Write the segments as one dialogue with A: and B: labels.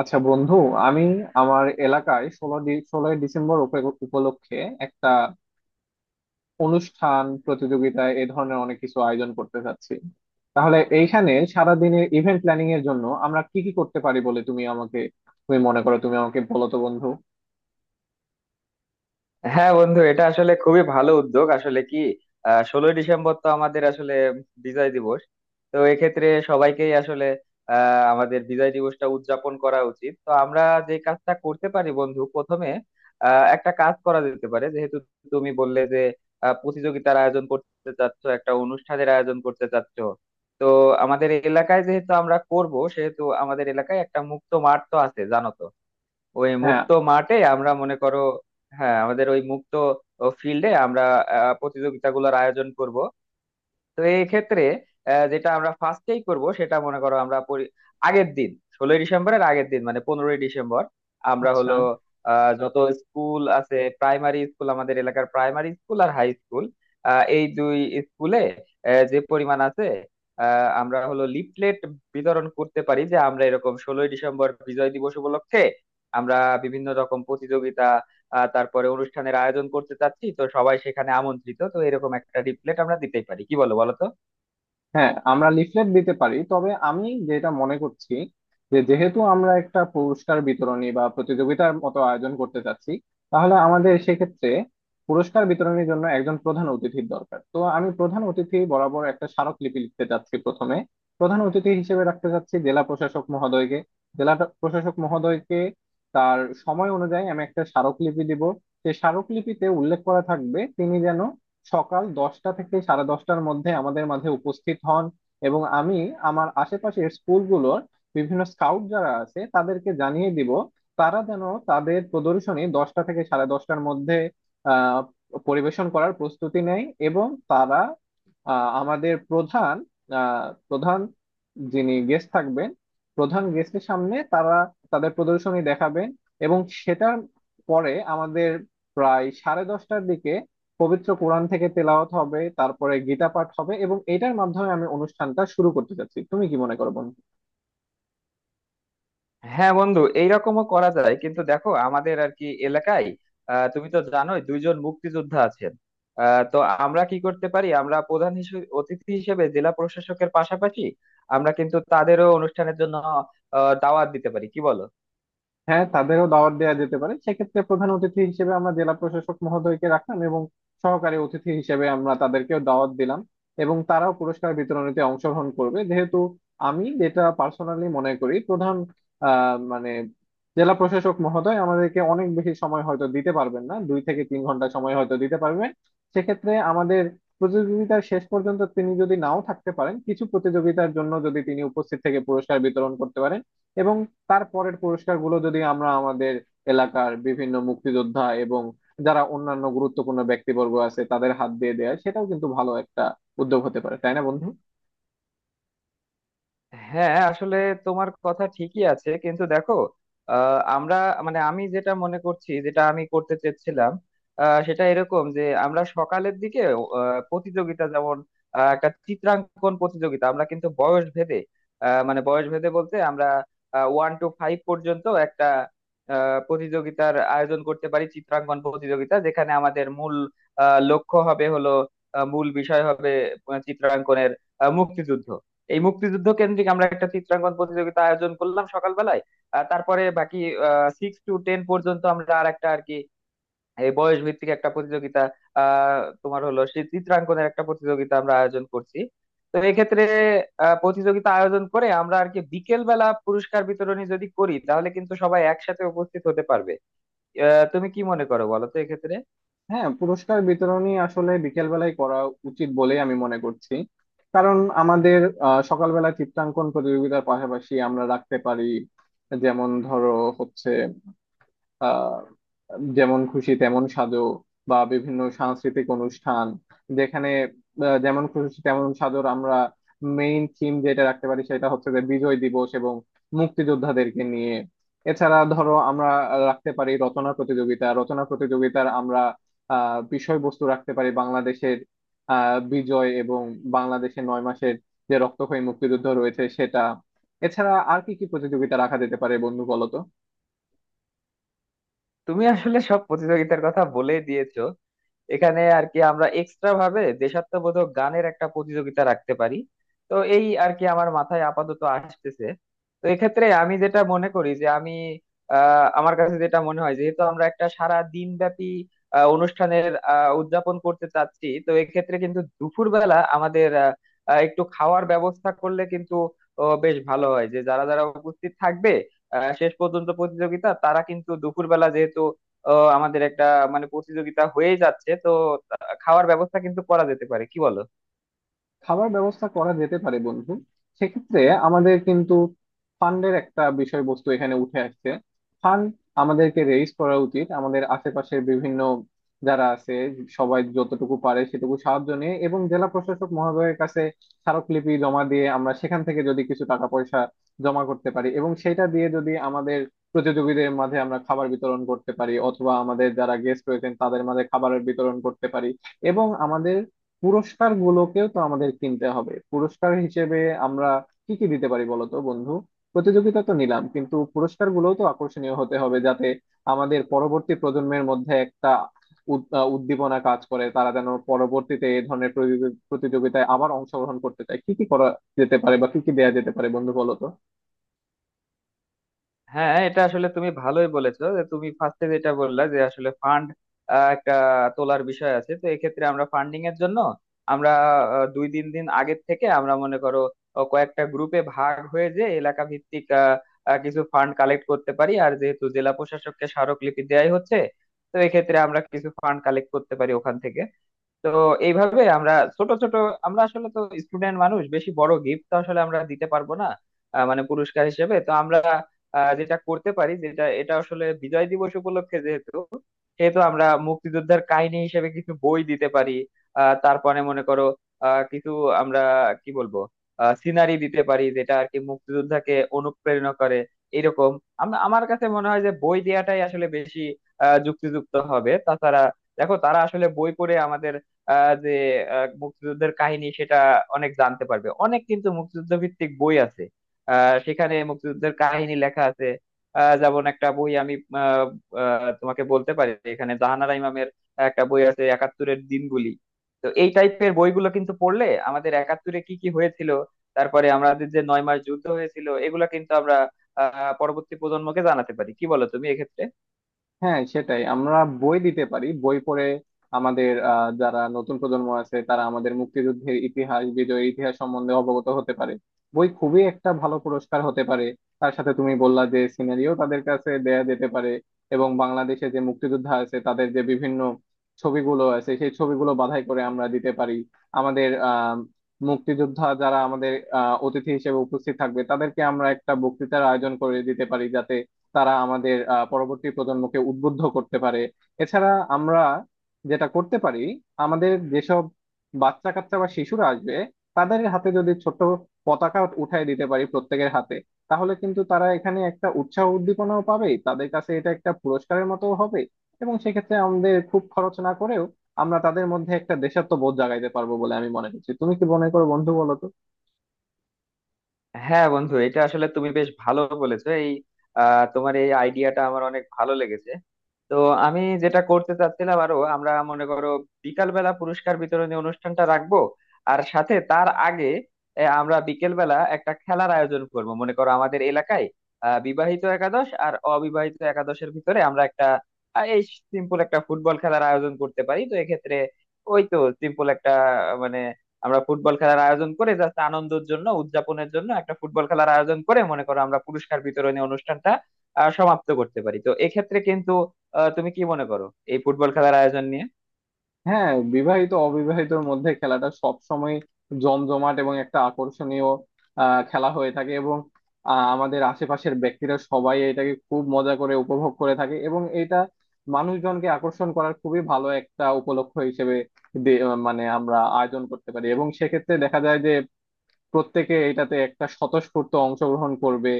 A: আচ্ছা বন্ধু, আমি আমার এলাকায় ষোলোই ডিসেম্বর উপলক্ষে একটা অনুষ্ঠান, প্রতিযোগিতা এ ধরনের অনেক কিছু আয়োজন করতে চাচ্ছি। তাহলে এইখানে সারাদিনের ইভেন্ট প্ল্যানিং এর জন্য আমরা কি কি করতে পারি বলে তুমি আমাকে তুমি মনে করো তুমি আমাকে বলো তো বন্ধু।
B: হ্যাঁ বন্ধু, এটা আসলে খুবই ভালো উদ্যোগ। আসলে কি 16ই ডিসেম্বর তো আমাদের আসলে বিজয় দিবস। তো এক্ষেত্রে সবাইকেই আসলে আমাদের বিজয় দিবসটা উদযাপন করা উচিত। তো আমরা যে কাজটা করতে পারি বন্ধু প্রথমে, একটা কাজ করা যেতে পারে। যেহেতু তুমি বললে যে প্রতিযোগিতার আয়োজন করতে চাচ্ছ, একটা অনুষ্ঠানের আয়োজন করতে চাচ্ছ, তো আমাদের এলাকায় যেহেতু আমরা করব, সেহেতু আমাদের এলাকায় একটা মুক্ত মাঠ তো আছে, জানো তো? ওই
A: হ্যাঁ,
B: মুক্ত মাঠে আমরা মনে করো, হ্যাঁ, আমাদের ওই মুক্ত ফিল্ডে আমরা প্রতিযোগিতাগুলোর আয়োজন করব। তো এই ক্ষেত্রে যেটা আমরা ফার্স্টেই করব সেটা মনে করো, আমরা আগের দিন, 16ই ডিসেম্বরের আগের দিন, মানে 15ই ডিসেম্বর আমরা
A: আচ্ছা।
B: হলো যত স্কুল আছে, প্রাইমারি স্কুল, আমাদের এলাকার প্রাইমারি স্কুল আর হাই স্কুল, এই দুই স্কুলে যে পরিমাণ আছে, আমরা হলো লিফলেট বিতরণ করতে পারি যে আমরা এরকম 16ই ডিসেম্বর বিজয় দিবস উপলক্ষে আমরা বিভিন্ন রকম প্রতিযোগিতা তারপরে অনুষ্ঠানের আয়োজন করতে চাচ্ছি, তো সবাই সেখানে আমন্ত্রিত, তো এরকম একটা লিফলেট আমরা দিতেই পারি। কি বলো, বলো তো?
A: হ্যাঁ, আমরা লিফলেট দিতে পারি, তবে আমি যেটা মনে করছি যে যেহেতু আমরা একটা পুরস্কার বিতরণী বা প্রতিযোগিতার মতো আয়োজন করতে চাচ্ছি, তাহলে আমাদের সেক্ষেত্রে পুরস্কার বিতরণের জন্য একজন প্রধান অতিথির দরকার। তো আমি প্রধান অতিথি বরাবর একটা স্মারকলিপি লিখতে চাচ্ছি প্রথমে। প্রধান অতিথি হিসেবে রাখতে চাচ্ছি জেলা প্রশাসক মহোদয়কে। জেলা প্রশাসক মহোদয়কে তার সময় অনুযায়ী আমি একটা স্মারকলিপি দিব। সেই স্মারকলিপিতে উল্লেখ করা থাকবে তিনি যেন সকাল 10টা থেকে সাড়ে 10টার মধ্যে আমাদের মাঝে উপস্থিত হন। এবং আমি আমার আশেপাশের স্কুলগুলোর বিভিন্ন স্কাউট যারা আছে তাদেরকে জানিয়ে দিব তারা যেন তাদের প্রদর্শনী 10টা থেকে সাড়ে দশটার মধ্যে আহ পরিবেশন করার প্রস্তুতি নেয়। এবং তারা আমাদের প্রধান, প্রধান যিনি গেস্ট থাকবেন, প্রধান গেস্টের সামনে তারা তাদের প্রদর্শনী দেখাবেন। এবং সেটার পরে আমাদের প্রায় সাড়ে 10টার দিকে পবিত্র কোরআন থেকে তেলাওয়াত হবে, তারপরে গীতা পাঠ হবে এবং এটার মাধ্যমে আমি অনুষ্ঠানটা শুরু করতে চাচ্ছি। তুমি কি মনে করো বন্ধু?
B: হ্যাঁ বন্ধু, এইরকমও করা যায়, কিন্তু দেখো আমাদের আর কি এলাকায় তুমি তো জানোই 2 জন মুক্তিযোদ্ধা আছেন। তো আমরা কি করতে পারি, আমরা প্রধান হিসেবে অতিথি হিসেবে জেলা প্রশাসকের পাশাপাশি আমরা কিন্তু তাদেরও অনুষ্ঠানের জন্য দাওয়াত দিতে পারি। কি বলো?
A: হ্যাঁ, তাদেরও দাওয়াত দেওয়া যেতে পারে। সেক্ষেত্রে প্রধান অতিথি হিসেবে আমরা জেলা প্রশাসক মহোদয়কে রাখলাম এবং সহকারী অতিথি হিসেবে আমরা তাদেরকেও দাওয়াত দিলাম। এবং তারাও পুরস্কার বিতরণীতে অংশগ্রহণ করবে। যেহেতু আমি যেটা পার্সোনালি মনে করি, প্রধান মানে জেলা প্রশাসক মহোদয় আমাদেরকে অনেক বেশি সময় হয়তো দিতে পারবেন না, 2 থেকে 3 ঘন্টা সময় হয়তো দিতে পারবেন। সেক্ষেত্রে আমাদের প্রতিযোগিতার শেষ পর্যন্ত তিনি যদি নাও থাকতে পারেন, কিছু প্রতিযোগিতার জন্য যদি তিনি উপস্থিত থেকে পুরস্কার বিতরণ করতে পারেন এবং তারপরের পুরস্কারগুলো যদি আমরা আমাদের এলাকার বিভিন্ন মুক্তিযোদ্ধা এবং যারা অন্যান্য গুরুত্বপূর্ণ ব্যক্তিবর্গ আছে তাদের হাত দিয়ে দেয়, সেটাও কিন্তু ভালো একটা উদ্যোগ হতে পারে, তাই না বন্ধু?
B: হ্যাঁ আসলে তোমার কথা ঠিকই আছে, কিন্তু দেখো আমরা মানে আমি যেটা মনে করছি যেটা আমি করতে চেয়েছিলাম সেটা এরকম যে আমরা সকালের দিকে প্রতিযোগিতা যেমন একটা চিত্রাঙ্কন প্রতিযোগিতা আমরা কিন্তু বয়স ভেদে, মানে বয়স ভেদে বলতে আমরা 1 to 5 পর্যন্ত একটা প্রতিযোগিতার আয়োজন করতে পারি, চিত্রাঙ্কন প্রতিযোগিতা যেখানে আমাদের মূল লক্ষ্য হবে হলো মূল বিষয় হবে চিত্রাঙ্কনের মুক্তিযুদ্ধ। এই মুক্তিযুদ্ধ কেন্দ্রিক আমরা একটা চিত্রাঙ্কন প্রতিযোগিতা আয়োজন করলাম সকালবেলায়, আর তারপরে বাকি 6 to 10 পর্যন্ত আমরা আর একটা আর কি এই বয়স ভিত্তিক একটা প্রতিযোগিতা তোমার হলো সেই চিত্রাঙ্কনের একটা প্রতিযোগিতা আমরা আয়োজন করছি। তো এক্ষেত্রে প্রতিযোগিতা আয়োজন করে আমরা আর কি বিকেল বেলা পুরস্কার বিতরণী যদি করি, তাহলে কিন্তু সবাই একসাথে উপস্থিত হতে পারবে। তুমি কি মনে করো, বলো তো এক্ষেত্রে?
A: হ্যাঁ, পুরস্কার বিতরণী আসলে বিকেলবেলায় করা উচিত বলেই আমি মনে করছি। কারণ আমাদের সকালবেলা চিত্রাঙ্কন প্রতিযোগিতার পাশাপাশি আমরা রাখতে পারি, যেমন ধরো হচ্ছে আহ যেমন খুশি তেমন সাজো বা বিভিন্ন সাংস্কৃতিক অনুষ্ঠান, যেখানে যেমন খুশি তেমন সাজোর আমরা মেইন থিম যেটা রাখতে পারি সেটা হচ্ছে যে বিজয় দিবস এবং মুক্তিযোদ্ধাদেরকে নিয়ে। এছাড়া ধরো আমরা রাখতে পারি রচনা প্রতিযোগিতা। রচনা প্রতিযোগিতার আমরা বিষয়বস্তু রাখতে পারি বাংলাদেশের বিজয় এবং বাংলাদেশের 9 মাসের যে রক্তক্ষয়ী মুক্তিযুদ্ধ রয়েছে সেটা। এছাড়া আর কি কি প্রতিযোগিতা রাখা যেতে পারে বন্ধু বলো তো?
B: তুমি আসলে সব প্রতিযোগিতার কথা বলেই দিয়েছো। এখানে আর কি আমরা এক্সট্রা ভাবে দেশাত্মবোধক গানের একটা প্রতিযোগিতা রাখতে পারি। তো এই আর কি আমার মাথায় আপাতত আসতেছে। তো এক্ষেত্রে আমি যেটা মনে করি যে আমি আমার কাছে যেটা মনে হয়, যেহেতু আমরা একটা সারা দিন ব্যাপী অনুষ্ঠানের উদযাপন করতে চাচ্ছি, তো এক্ষেত্রে কিন্তু দুপুরবেলা আমাদের আহ, আহ, একটু খাওয়ার ব্যবস্থা করলে কিন্তু বেশ ভালো হয়, যে যারা যারা উপস্থিত থাকবে শেষ পর্যন্ত প্রতিযোগিতা, তারা কিন্তু দুপুরবেলা যেহেতু আমাদের একটা মানে প্রতিযোগিতা হয়ে যাচ্ছে তো, খাওয়ার ব্যবস্থা কিন্তু করা যেতে পারে। কি বলো?
A: খাবার ব্যবস্থা করা যেতে পারে বন্ধু। সেক্ষেত্রে আমাদের কিন্তু ফান্ডের একটা বিষয়বস্তু এখানে উঠে আসছে। ফান্ড আমাদেরকে রেইজ করা উচিত আমাদের আশেপাশের বিভিন্ন যারা আছে সবাই যতটুকু পারে সেটুকু সাহায্য নিয়ে এবং জেলা প্রশাসক মহোদয়ের কাছে স্মারকলিপি জমা দিয়ে আমরা সেখান থেকে যদি কিছু টাকা পয়সা জমা করতে পারি এবং সেটা দিয়ে যদি আমাদের প্রতিযোগীদের মাঝে আমরা খাবার বিতরণ করতে পারি, অথবা আমাদের যারা গেস্ট রয়েছেন তাদের মাঝে খাবারের বিতরণ করতে পারি। এবং আমাদের পুরস্কার গুলোকেও তো আমাদের কিনতে হবে। পুরস্কার হিসেবে আমরা কি কি দিতে পারি বলতো বন্ধু? প্রতিযোগিতা তো নিলাম, কিন্তু পুরস্কার গুলোও তো আকর্ষণীয় হতে হবে, যাতে আমাদের পরবর্তী প্রজন্মের মধ্যে একটা উদ্দীপনা কাজ করে, তারা যেন পরবর্তীতে এই ধরনের প্রতিযোগিতায় আবার অংশগ্রহণ করতে চায়। কি কি করা যেতে পারে বা কি কি দেয়া যেতে পারে বন্ধু বলতো?
B: হ্যাঁ এটা আসলে তুমি ভালোই বলেছো, যে তুমি ফার্স্টে যেটা বললা যে আসলে ফান্ড একটা তোলার বিষয় আছে। তো এক্ষেত্রে আমরা ফান্ডিং এর জন্য আমরা 2-3 দিন আগের থেকে আমরা মনে করো কয়েকটা গ্রুপে ভাগ হয়ে, যে এলাকা ভিত্তিক আহ, আহ, কিছু ফান্ড কালেক্ট করতে পারি। আর যেহেতু জেলা প্রশাসককে স্মারকলিপি দেয়াই হচ্ছে, তো এক্ষেত্রে আমরা কিছু ফান্ড কালেক্ট করতে পারি ওখান থেকে। তো এইভাবে আমরা ছোট ছোট, আমরা আসলে তো স্টুডেন্ট মানুষ, বেশি বড় গিফট তো আসলে আমরা দিতে পারবো না। মানে পুরস্কার হিসেবে তো আমরা যেটা করতে পারি, যেটা এটা আসলে বিজয় দিবস উপলক্ষে যেহেতু, সেহেতু আমরা মুক্তিযোদ্ধার কাহিনী হিসেবে কিছু বই দিতে পারি। তারপরে মনে করো কিছু আমরা কি বলবো, সিনারি দিতে পারি যেটা আর কি মুক্তিযোদ্ধাকে অনুপ্রেরণা করে এরকম। আমরা, আমার কাছে মনে হয় যে বই দেওয়াটাই আসলে বেশি যুক্তিযুক্ত হবে। তাছাড়া দেখো, তারা আসলে বই পড়ে আমাদের যে মুক্তিযুদ্ধের কাহিনী সেটা অনেক জানতে পারবে। অনেক কিন্তু মুক্তিযুদ্ধ ভিত্তিক বই আছে, সেখানে মুক্তিযুদ্ধের কাহিনী লেখা আছে। যেমন একটা বই আমি আহ, আহ, তোমাকে বলতে পারি, এখানে জাহানারা ইমামের একটা বই আছে একাত্তরের দিনগুলি। তো এই টাইপের বইগুলো কিন্তু পড়লে আমাদের একাত্তরে কি কি হয়েছিল, তারপরে আমাদের যে 9 মাস যুদ্ধ হয়েছিল, এগুলা কিন্তু আমরা পরবর্তী প্রজন্মকে জানাতে পারি। কি বলো তুমি এক্ষেত্রে?
A: হ্যাঁ, সেটাই আমরা বই দিতে পারি। বই পড়ে আমাদের যারা নতুন প্রজন্ম আছে তারা আমাদের মুক্তিযুদ্ধের ইতিহাস, বিজয়ের ইতিহাস সম্বন্ধে অবগত হতে পারে। বই খুবই একটা ভালো পুরস্কার হতে পারে। তার সাথে তুমি বললা যে সিনারিও তাদের কাছে দেয়া যেতে পারে এবং বাংলাদেশে যে মুক্তিযোদ্ধা আছে তাদের যে বিভিন্ন ছবিগুলো আছে সেই ছবিগুলো বাছাই করে আমরা দিতে পারি। আমাদের মুক্তিযোদ্ধা যারা আমাদের অতিথি হিসেবে উপস্থিত থাকবে তাদেরকে আমরা একটা বক্তৃতার আয়োজন করে দিতে পারি, যাতে তারা আমাদের পরবর্তী প্রজন্মকে উদ্বুদ্ধ করতে পারে। এছাড়া আমরা যেটা করতে পারি, আমাদের যেসব বাচ্চা কাচ্চা বা শিশুরা আসবে তাদের হাতে যদি ছোট পতাকা উঠায় দিতে পারি প্রত্যেকের হাতে, তাহলে কিন্তু তারা এখানে একটা উৎসাহ উদ্দীপনাও পাবে। তাদের কাছে এটা একটা পুরস্কারের মতো হবে এবং সেক্ষেত্রে আমাদের খুব খরচ না করেও আমরা তাদের মধ্যে একটা দেশাত্মবোধ জাগাইতে পারবো বলে আমি মনে করছি। তুমি কি মনে করো বন্ধু বলো তো?
B: হ্যাঁ বন্ধু, এটা আসলে তুমি বেশ ভালো বলেছো। এই তোমার এই আইডিয়াটা আমার অনেক ভালো লেগেছে। তো আমি যেটা করতে চাচ্ছিলাম আরো, আমরা মনে করো বিকাল বেলা পুরস্কার বিতরণী অনুষ্ঠানটা রাখবো, আর সাথে তার আগে আমরা বিকেল বেলা একটা খেলার আয়োজন করব, মনে করো আমাদের এলাকায় বিবাহিত একাদশ আর অবিবাহিত একাদশের ভিতরে আমরা একটা আহ, এই সিম্পল একটা ফুটবল খেলার আয়োজন করতে পারি। তো এক্ষেত্রে ওই তো সিম্পল একটা আহ, মানে আমরা ফুটবল খেলার আয়োজন করে জাস্ট আনন্দের জন্য, উদযাপনের জন্য একটা ফুটবল খেলার আয়োজন করে মনে করো আমরা পুরস্কার বিতরণী অনুষ্ঠানটা সমাপ্ত করতে পারি। তো এক্ষেত্রে কিন্তু তুমি কি মনে করো এই ফুটবল খেলার আয়োজন নিয়ে?
A: হ্যাঁ, বিবাহিত অবিবাহিতর মধ্যে খেলাটা সব সময় জমজমাট এবং একটা আকর্ষণীয় খেলা হয়ে থাকে এবং আমাদের আশেপাশের ব্যক্তিরা সবাই এটাকে খুব মজা করে উপভোগ করে থাকে, এবং এটা মানুষজনকে আকর্ষণ করার খুবই ভালো একটা উপলক্ষ হিসেবে দে- মানে আমরা আয়োজন করতে পারি। এবং সেক্ষেত্রে দেখা যায় যে প্রত্যেকে এটাতে একটা স্বতঃস্ফূর্ত অংশগ্রহণ করবে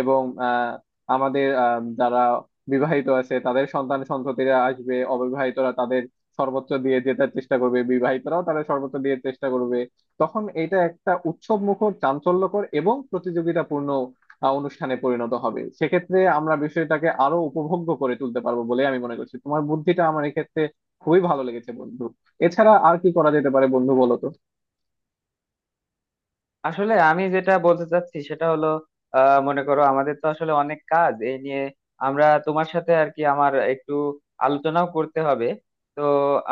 A: এবং আহ, আমাদের যারা বিবাহিত আছে তাদের সন্তান সন্ততিরা আসবে, অবিবাহিতরা তাদের সর্বোচ্চ দিয়ে জেতার চেষ্টা করবে, বিবাহিতরাও তাদের সর্বোচ্চ দিয়ে চেষ্টা করবে। তখন এটা একটা উৎসব মুখর, চাঞ্চল্যকর এবং প্রতিযোগিতাপূর্ণ অনুষ্ঠানে পরিণত হবে। সেক্ষেত্রে আমরা বিষয়টাকে আরো উপভোগ্য করে তুলতে পারবো বলে আমি মনে করছি। তোমার বুদ্ধিটা আমার এক্ষেত্রে খুবই ভালো লেগেছে বন্ধু। এছাড়া আর কি করা যেতে পারে বন্ধু বলো তো?
B: আসলে আমি যেটা বলতে চাচ্ছি সেটা হলো, মনে করো আমাদের তো আসলে অনেক কাজ এই নিয়ে, আমরা তোমার সাথে আর কি আমার একটু আলোচনাও করতে হবে। তো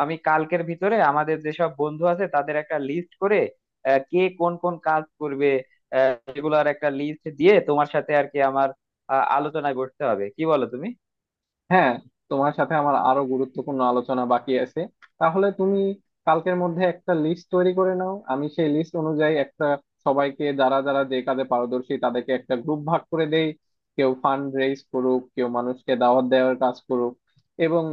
B: আমি কালকের ভিতরে আমাদের যেসব বন্ধু আছে তাদের একটা লিস্ট করে কে কোন কোন কাজ করবে, সেগুলোর একটা লিস্ট দিয়ে তোমার সাথে আর কি আমার আলোচনায় বসতে হবে। কি বলো তুমি?
A: হ্যাঁ, তোমার সাথে আমার আরো গুরুত্বপূর্ণ আলোচনা বাকি আছে। তাহলে তুমি কালকের মধ্যে একটা লিস্ট তৈরি করে নাও, আমি সেই লিস্ট অনুযায়ী একটা সবাইকে, যারা যারা যে কাজে পারদর্শী তাদেরকে একটা গ্রুপ ভাগ করে দেই। কেউ ফান্ড রেইজ করুক, কেউ মানুষকে দাওয়াত দেওয়ার কাজ করুক। এবং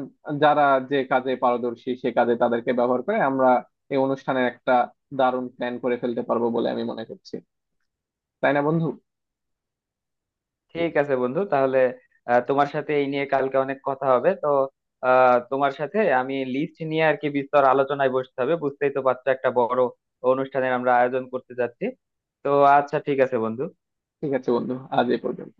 A: যারা যে কাজে পারদর্শী সে কাজে তাদেরকে ব্যবহার করে আমরা এই অনুষ্ঠানের একটা দারুণ প্ল্যান করে ফেলতে পারবো বলে আমি মনে করছি, তাই না বন্ধু?
B: ঠিক আছে বন্ধু, তাহলে তোমার সাথে এই নিয়ে কালকে অনেক কথা হবে। তো তোমার সাথে আমি লিস্ট নিয়ে আর কি বিস্তর আলোচনায় বসতে হবে। বুঝতেই তো পারছো, একটা বড় অনুষ্ঠানের আমরা আয়োজন করতে যাচ্ছি। তো আচ্ছা, ঠিক আছে বন্ধু।
A: ঠিক আছে বন্ধু, আজ এ পর্যন্ত।